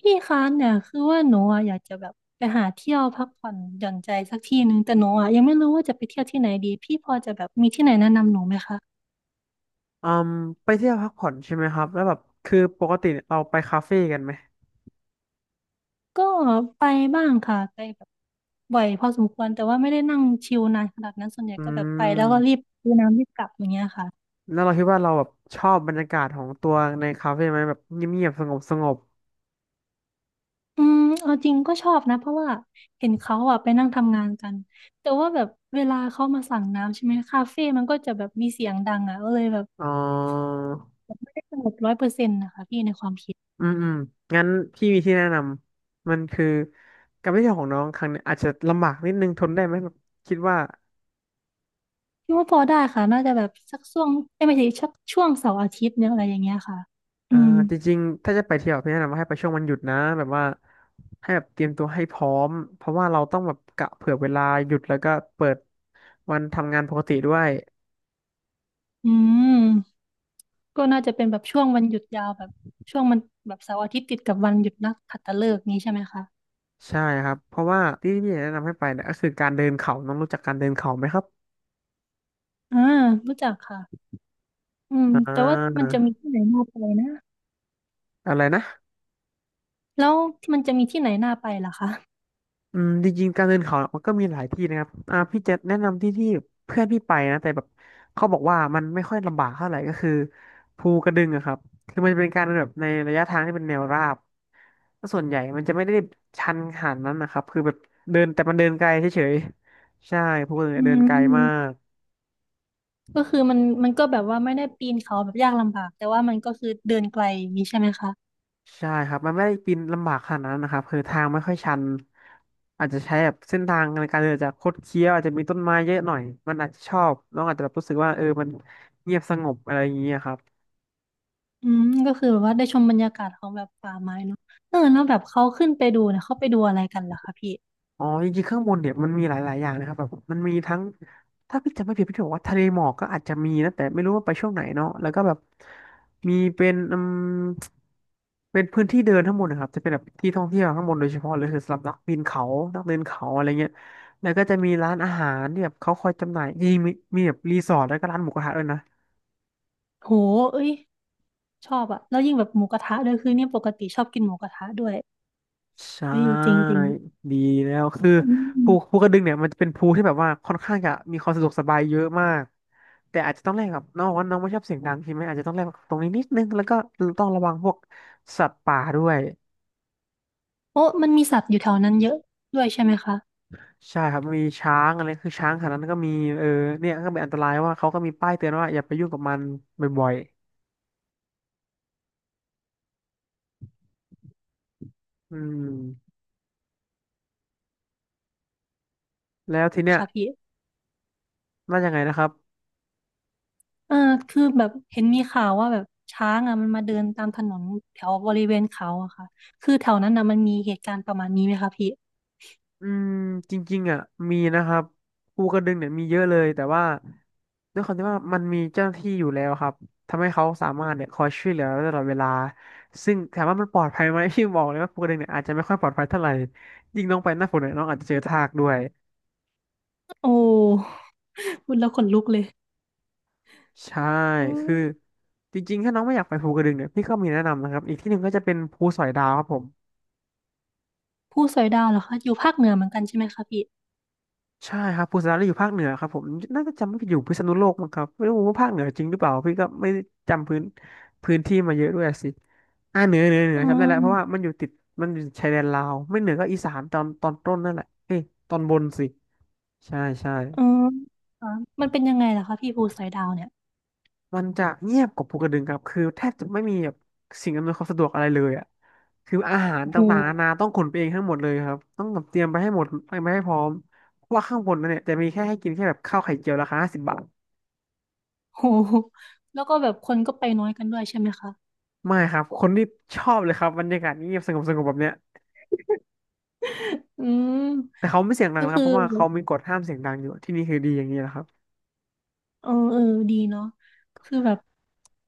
พี่คะเนี่ยคือว่าหนูอะอยากจะแบบไปหาเที่ยวพักผ่อนหย่อนใจสักที่หนึ่งแต่หนูอะยังไม่รู้ว่าจะไปเที่ยวที่ไหนดีพี่พอจะแบบมีที่ไหนแนะนำหนูไหมคะอืมไปเที่ยวพักผ่อนใช่ไหมครับแล้วแบบคือปกติเนี่ยเราไปคาเฟ่กันไหมก็ไปบ้างค่ะไปแบบบ่อยพอสมควรแต่ว่าไม่ได้นั่งชิลนานขนาดนั้นส่วนใหญ่อืก็แบบไปแล้วก็รีบมดูน้ำรีบกลับอย่างเงี้ยค่ะแล้วเราคิดว่าเราแบบชอบบรรยากาศของตัวในคาเฟ่ไหมแบบเงียบๆสงบสงบอืมเอาจริงก็ชอบนะเพราะว่าเห็นเขาอะไปนั่งทำงานกันแต่ว่าแบบเวลาเขามาสั่งน้ำใช่ไหมคาเฟ่มันก็จะแบบมีเสียงดังอะก็เลยแบบอ๋อไม่ได้สงบร้อยเปอร์เซ็นต์นะคะพี่ในความคิด อืมอืมงั้นพี่มีที่แนะนำมันคือการไปเที่ยวของน้องครั้งเนี้ยอาจจะลำบากนิดนึงทนได้ไหมแบบคิดว่า คิดว่าพอได้ค่ะน่าจะแบบสักช่วงเอ้ยไม่ใช่ชักช่วงเสาร์อาทิตย์เนี่ยอะไรอย่างเงี้ยค่ะอือ่ามจริงๆถ้าจะไปเที่ยวพี่แนะนำว่าให้ไปช่วงวันหยุดนะแบบว่าให้แบบเตรียมตัวให้พร้อมเพราะว่าเราต้องแบบกะเผื่อเวลาหยุดแล้วก็เปิดวันทำงานปกติด้วยอืมก็น่าจะเป็นแบบช่วงวันหยุดยาวแบบช่วงมันแบบเสาร์อาทิตย์ติดกับวันหยุดนักขัตฤกษ์นี้ใช่ไหมคะใช่ครับเพราะว่าที่พี่แนะนำให้ไปเนี่ยก็คือการเดินเขาน้องรู้จักการเดินเขาไหมครับอ่ารู้จักค่ะอืมอ่แต่ว่ามัานจะมีที่ไหนน่าไปนะอะไรนะ แล้วมันจะมีที่ไหนน่าไปล่ะคะอืมจริงๆการเดินเขามันก็มีหลายที่นะครับพี่จะแนะนำที่เพื่อนพี่ไปนะแต่แบบเขาบอกว่ามันไม่ค่อยลำบากเท่าไหร่ก็คือภูกระดึงอะครับคือมันจะเป็นการเดินแบบในระยะทางที่เป็นแนวราบแล้วส่วนใหญ่มันจะไม่ได้ชันขนาดนั้นนะครับคือแบบเดินแต่มันเดินไกลเฉยๆใช่ภูกระดึงอืเนี่ยเดินไกลมามก ก็คือมันก็แบบว่าไม่ได้ปีนเขาแบบยากลำบากแต่ว่ามันก็คือเดินไกลอย่างนี้ใช่ไหมคะ ใช่ครับ มันไม่ได้ปีนลำบากขนาดนั้นนะครับคือทางไม่ค่อยชัน อาจจะใช้แบบเส้นทางในการเดินอาจจะคดเคี้ยวอาจจะมีต้นไม้เยอะหน่อย มันอาจจะชอบน้องอาจจะแบบรู้สึกว่าเออมันเงียบสงบอะไรอย่างเงี้ยครับ อืมก็คือแบบว่าได้ชมบรรยากาศของแบบป่าไม้เนาะเออแล้วแบบเขาขึ้นไปดูเนี่ยเขาไปดูอะไรกันล่ะคะพี่อ๋อจริงๆข้างบนเนี่ยมันมีหลายๆอย่างนะครับแบบมันมีทั้งถ้าพี่จำไม่ผิดพี่จะบอกว่าทะเลหมอกก็อาจจะมีนะแต่ไม่รู้ว่าไปช่วงไหนเนาะแล้วก็แบบมีเป็นเป็นพื้นที่เดินข้างบนนะครับจะเป็นแบบที่ท่องเที่ยวข้างบนโดยเฉพาะเลยคือสำหรับนักปีนเขานักเดินเขาอะไรเงี้ยแล้วก็จะมีร้านอาหารที่แบบเขาคอยจำหน่ายจริงๆมีมีแบบรีสอร์ทแล้วก็ร้านหมูกระทะด้วยนะ โหเอ้ยชอบอะแล้วยิ่งแบบหมูกระทะด้วยคือเนี่ยปกติชอบกินหมูกระทะด้วยใช่เอ้ยจริงจริงดีแล้วคืออืภูภูมกระดึงเนี่ยมันจะเป็นภูที่แบบว่าค่อนข้างจะมีความสะดวกสบายเยอะมากแต่อาจจะต้องแลกกับน้องว่าน้องไม่ชอบเสียงดังใช่ไหมอาจจะต้องแลกกับตรงนี้นิดนึงแล้วก็ต้องระวังพวกสัตว์ป่าด้วยโอ้มันมีสัตว์อยู่แถวนั้นเยอะด้วยใช่ไหมคะใช่ครับมีช้างอะไรคือช้างขนาดนั้นก็มีเออเนี่ยก็เป็นอันตรายว่าเขาก็มีป้ายเตือนว่าอย่าไปยุ่งกับมันบ่อยๆอืมแล้วทีเนี้ยว่ายังไงนะครับ เออคือแบบเห็นมีข่าวว่าแบบช้างอะมันมาเดินตามถนนแถวบริเวณเขาอะค่ะคือแถวนั้นนะมันมีเหตุการณ์ประมาณนี้ไหมคะพี่อืมจริงๆอ่ะมีนะครับภูกระดึงเนี่ยมีเยอะเลยแต่ว่าด้วยความที่ว่ามันมีเจ้าหน้าที่อยู่แล้วครับทำให้เขาสามารถเนี่ยคอยช่วยเหลือตลอดเวลาซึ่งถามว่ามันปลอดภัยไหมพี่บอกเลยว่าภูกระดึงเนี่ยอาจจะไม่ค่อยปลอดภัยเท่าไหร่ยิ่งน้องไปหน้าฝนเนี่ยน้องอาจจะเจอทากด้วยโอ้ พูดแล้วขนลุกเลยใช่อืมคือจริงๆถ้าน้องไม่อยากไปภูกระดึงเนี่ยพี่ก็มีแนะนำนะครับอีกที่หนึ่งก็จะเป็นภูสอยดาวครับผม ผู้สอยดาวเหรอคะอยู่ภาคเหนือเหมือนกันใช่ไหมคะพี่ ใช่ครับภูสนาอยู่ภาคเหนือครับผมน่าจะจำไม่ผิดอยู่พิษณุโลกมั้งครับไม่รู้ว่าภาคเหนือจริงหรือเปล่าพี่ก็ไม่ได้จำพื้นที่มาเยอะด้วยสิเหนือเหนืออืจำได้แล้วเพราะว่ามมันอยู่ติดมันอยู่ชายแดนลาวไม่เหนือก็อีสานตอนต้นนั่นแหละเอ้ยตอนบนสิใช่ใช่อืมอ่ะมันเป็นยังไงล่ะคะพี่ภูสอยดาวเนี่ยมันจะเงียบกว่าภูกระดึงครับคือแทบจะไม่มีแบบสิ่งอำนวยความสะดวกอะไรเลยอ่ะคืออาหารโอ้โห ต่างๆนานาต้องขนไปเองทั้งหมดเลยครับต้องแบบเตรียมไปให้หมดไปไม่ให้พร้อมเพราะว่าข้างบนนั่นเนี่ยจะมีแค่ให้กินแค่แบบข้าวไข่เจียวราคา50 บาท โอโหแล้วก็แบบคนก็ไปน้อยกันด้วยใช่ไหมคะไม่ครับ คนที่ชอบเลยครับบรรยากาศเงียบสงบสงบแบบเนี้ยอืแต่มเขาไม่เสียงดังก็นะครัคืบ อเพราะว่าเขามีกฎห้ามเสียงดังอยู่ที่นี่คือดีอย่างนี้แหละครับเออดีเนาะคือแบบ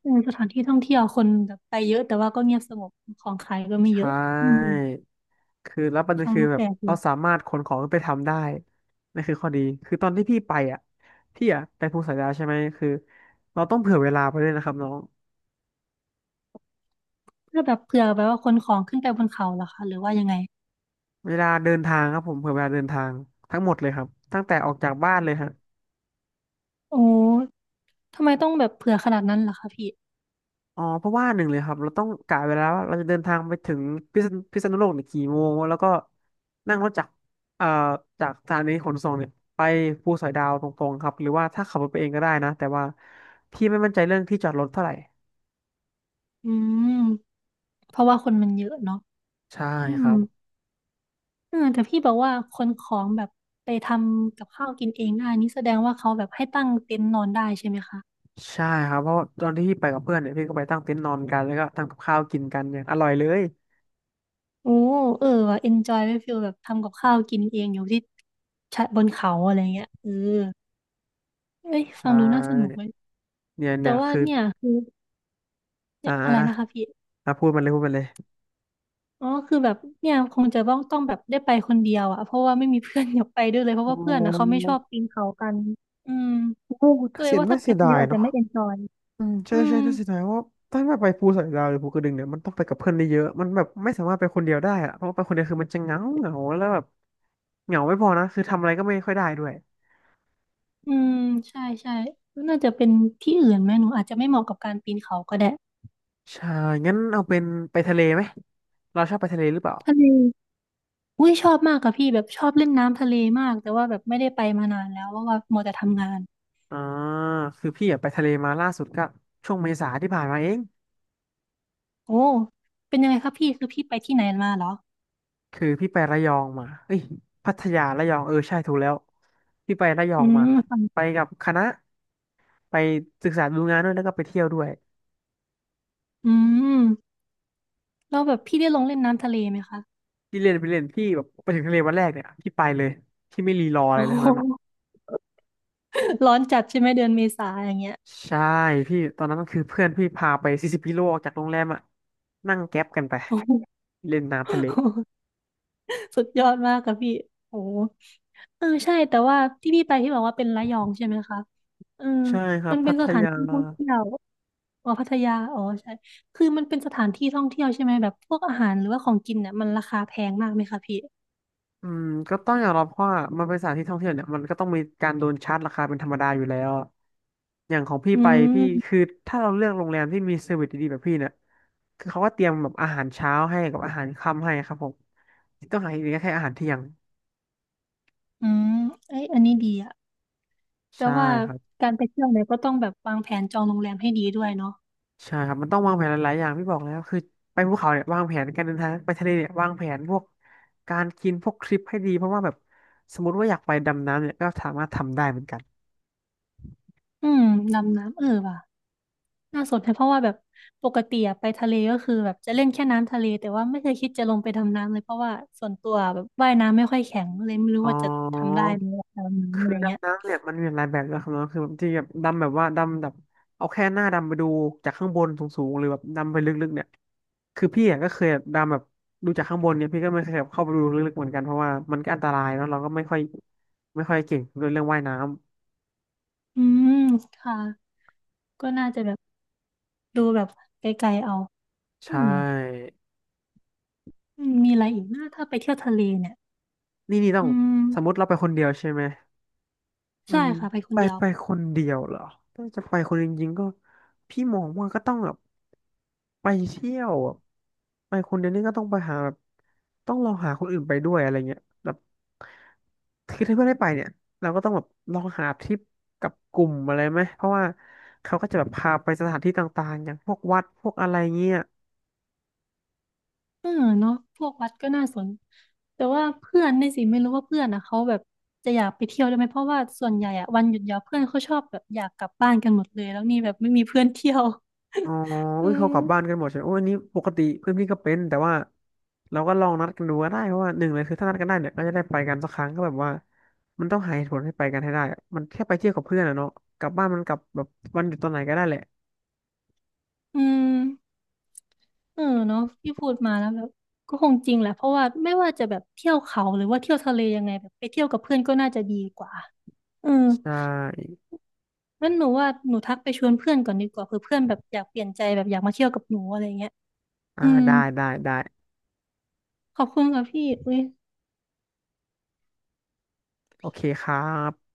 เออสถานที่ท่องเที่ยวคนแบบไปเยอะแต่ว่าก็เงียบสงบของขายก็ไม่เยใช่อะอืมคือแล้วประเด็นฟังคือดูแบแปบลกอเรายู่สามารถขนของขึ้นไปทำได้นั่นคือข้อดีคือตอนที่พี่ไปอ่ะพี่อ่ะไปภูสอยดาวใช่ไหมคือเราต้องเผื่อเวลาไปด้วยนะครับน้องแล้วแบบเผื่อแบบว่าคนของขึ้นไปบนเขาเหรอคะหรือว่ายังไงเวลาเดินทางครับผมเผื่อเวลาเดินทางทั้งหมดเลยครับตั้งแต่ออกจากบ้านเลยฮะ โอ้ทำไมต้องแบบเผื่อขนาดนั้นล่ะคะพี่อ๋อเพราะว่าหนึ่งเลยครับเราต้องกะเวลาว่าเราจะเดินทางไปถึงพิษณุโลกเนี่ยกี่โมงแล้วก็นั่งรถจากเอ่อจากสถานีขนส่งเนี่ยไปภูสอยดาวตรงๆครับหรือว่าถ้าขับรถไปเองก็ได้นะแต่ว่าพี่ไม่มั่นใจเรื่องที่จอดรถเท่าไหร่อืมเพราะว่าคนมันเยอะเนาะใช่อืคม รับเออแต่พี่บอกว่าคนของแบบไปทำกับข้าวกินเองได้นี่แสดงว่าเขาแบบให้ตั้งเต็นท์นอนได้ใช่ไหมคะใช่ครับเพราะตอนที่พี่ไปกับเพื่อนเนี่ยพี่ก็ไปตั้งเต็นท์นอนกันแล้วก็ทำกับข้าวกินกันอย่างอร่อยเลยโอ้เออว่ะเอนจอยไว้ฟีลแบบทำกับข้าวกินเองอยู่ที่ชะบนเขาอะไรเงี้ยเออเอ้ยใชฟังดูน่าสนุก่เลยเนี่ยแต่เนี่ยว่าคือเนี่ยคืออ่เนี่ยอะไรนะคะาพี่พูดมันเลยพูดมันเลยอ๋อคือแบบเนี่ยคงจะต้องแบบได้ไปคนเดียวอะเพราะว่าไม่มีเพื่อนอยากไปด้วยเลยเพราะอ๋อว่าเพื่อนนะเขาไม่ชอบปีนเขากันอืมโอ้ก็น่าเลยเสียว่าน่าถ้าไปเสียคนดาเดียยวอาจจะเนาะ ไม่เอนจอยอืมใช่อืม ใช่ถ้าเสียดายว่าถ้าแบบไปภูสอยดาวหรือภูกระดึงเนี่ยมันต้องไปกับเพื่อนได้เยอะมันแบบไม่สามารถไปคนเดียวได้อะเพราะว่าไปคนเดียวคือมันจะเหงาเหงาแล้วแบบเหงาไม่พอนะคือทำอะไรก็ไม่ค่อยได้ด้วยอืมใช่ใช่น่าจะเป็นที่อื่นไหมหนูอาจจะไม่เหมาะกับการปีนเขาก็ได้ใช่งั้นเอาเป็นไปทะเลไหมเราชอบไปทะเลหรือเปล่าทะเลอุ้ยชอบมากค่ะพี่แบบชอบเล่นน้ำทะเลมากแต่ว่าแบบไม่ได้ไปมานานแล้วเพราะว่ามัวแต่ทำงานอ่าคือพี่อะไปทะเลมาล่าสุดก็ช่วงเมษาที่ผ่านมาเองโอ้เป็นยังไงคะพี่คือพี่ไปที่ไหนมาเหรอคือพี่ไประยองมาเอ้ยพัทยาระยองเออใช่ถูกแล้วพี่ไประยออืงมามค่ะไปกับคณะไปศึกษาดูงานด้วยแล้วก็ไปเที่ยวด้วย อืมแล้วแบบพี่ได้ลงเล่นน้ำทะเลไหมคะพี่เล่นพี่แบบไปถึงทะเลวันแรกเนี่ยพี่ไปเลยพี่ไม่รีรออะไรโอ้เลยทั้งโหนั้นอ่ะร้อนจัดใช่ไหมเดือนเมษาอย่างเงี้ยใช่พี่ตอนนั้นก็คือเพื่อนพี่พาไป40 กิโลออกจากโรงแรมอ่ะนั่งแก๊ปกันไปโอ้โเล่นน้ำทะเลห สุดยอดมากค่ะพี่โอ้โหเออใช่แต่ว่าที่พี่ไปที่บอกว่าเป็นระยองใช่ไหมคะเออใช่ครับมันเป็พันทสถานยาที่ท่องเที่ยวอ๋อพัทยา อ๋อใช่คือมันเป็นสถานที่ท่องเที่ยวใช่ไหมแบบพวกอาหารหรือว่าของกินเนี่ยมันราคาแพงมากไหมคะพี่อืมก็ต้องยอมรับว่ามันเป็นสถานที่ท่องเที่ยวเนี่ยมันก็ต้องมีการโดนชาร์จราคาเป็นธรรมดาอยู่แล้วอะอย่างของพี่อืไปพี่มคือถ้าเราเลือกโรงแรมที่มีเซอร์วิสดีๆแบบพี่เนี่ยคือเขาก็เตรียมแบบอาหารเช้าให้กับอาหารค่ำให้ครับผมที่ต้องหาอีกทีก็แค่อาหารเที่ยงอืมเอ้ยอันนี้ดีอะแต่ใช่ว่าครับ การไปเที่ยวเนี่ยก็ต้องแบบวางแผนจองโรงแรมให้ดีด้วยเนาะใช่ครับมันต้องวางแผนหลายๆอย่างพี่บอกแล้วคือไปภูเขาเนี่ยวางแผนการเดินทางไปทะเลเนี่ยวางแผนพวกการกินพวกทริปให้ดีเพราะว่าแบบสมมติว่าอยากไปดำน้ำเนี่ยก็สามารถทำได้เหมือนกันอืมดำน้ำเออว่ะ น่าสนใจเพราะว่าแบบปกติอะไปทะเลก็คือแบบจะเล่นแค่น้ำทะเลแต่ว่าไม่เคยคิดจะลงไปดำน้ำเลยเพราะว่าส่วนตัวแบบว่ายน้ำไม่ค่อยแข็งเลยไม่รู้อ๋อว่าจะทำได้ไหมดำน้ำอะคือไรเงี้ยดำน้ำเนี่ยมันมีหลายแบบนะครับเนาะคือแบบที่แบบดำแบบว่าดำแบบเอาแค่หน้าดำไปดูจากข้างบนสูงๆหรือแบบดำไปลึกๆเนี่ยคือพี่อ่ะก็เคยดำแบบดูจากข้างบนเนี่ยพี่ก็ไม่เคยแบบเข้าไปดูลึกๆเหมือนกันเพราะว่ามันก็อันตรายเนาะเราก็ไม่ค่อยเก่งเรื่องว่ายน้ำอืมค่ะก็น่าจะแบบดูแบบไกลๆเอาเออใช่ อืมมีอะไรอีกนะถ้าไปเที่ยวทะเลเนี่ยนี่ต้องอืมสมมติเราไปคนเดียวใช่ไหมอืใช่มค่ะไปคไปนเดียว ไปคนเดียวเหรอถ้าจะไปคนเดียวจริงๆก็พี่มองว่าก็ต้องแบบไปเที่ยวอะไปคนเดียวนี่ก็ต้องไปหาแบบต้องลองหาคนอื่นไปด้วยอะไรเงี้ยแบบคือถ้าเพื่อนไม่ไปเนี่ยเราก็ต้องแบบลองหาทริปกับกลุ่มอะไรไหมเพราะว่าเขาก็จะแบบพาไปสถานที่ต่างๆอย่างพวกวัดพวกอะไรเงี้ย เออเนาะพวกวัดก็น่าสน แต่ว่าเพื่อนนี่สิไม่รู้ว่าเพื่อนอ่ะเขาแบบจะอยากไปเที่ยวด้วยไหมเพราะว่าส่วนใหญ่อ่ะวันหยุดยาวเพื่อนเขาชอบแบบอยากกลับบ้านกันหมดเลย แล้วนี่แบบไม่มีเพื่อนเที่ยว อ๋อ อือุ้ยเขากลับบ้านมกันหมดใช่ไหมโอ้ยอันนี้ปกติเพื่อนพี่ก็เป็นแต่ว่าเราก็ลองนัดกันดูก็ได้เพราะว่าหนึ่งเลยคือถ้านัดกันได้เนี่ยก็จะได้ไปกันสักครั้งก็แบบว่ามันต้องหาเหตุผลให้ไปกันให้ได้อะมันแค่ไปเที่ยวกับเพื่อนอะเนาะกลับบ้านมันกลับแบบวันหยุดตอนไหนก็ได้แหละอืมเออเนาะที่พูดมาแล้วแบบก็คงจริงแหละเพราะว่าไม่ว่าจะแบบเที่ยวเขาหรือว่าเที่ยวทะเลยังไงแบบไปเที่ยวกับเพื่อนก็น่าจะดีกว่าเออใช่งั้นหนูว่าหนูทักไปชวนเพื่อนก่อนดีกว่าเผื่อเพื่อนแบบอยากเปลี่ยนใจแบบอยากมาเที่ยวกับหนูอะไรเงี้ยอ่าอืมได้ได้ได้ขอบคุณค่ะพี่อุ้ยโอเคครับ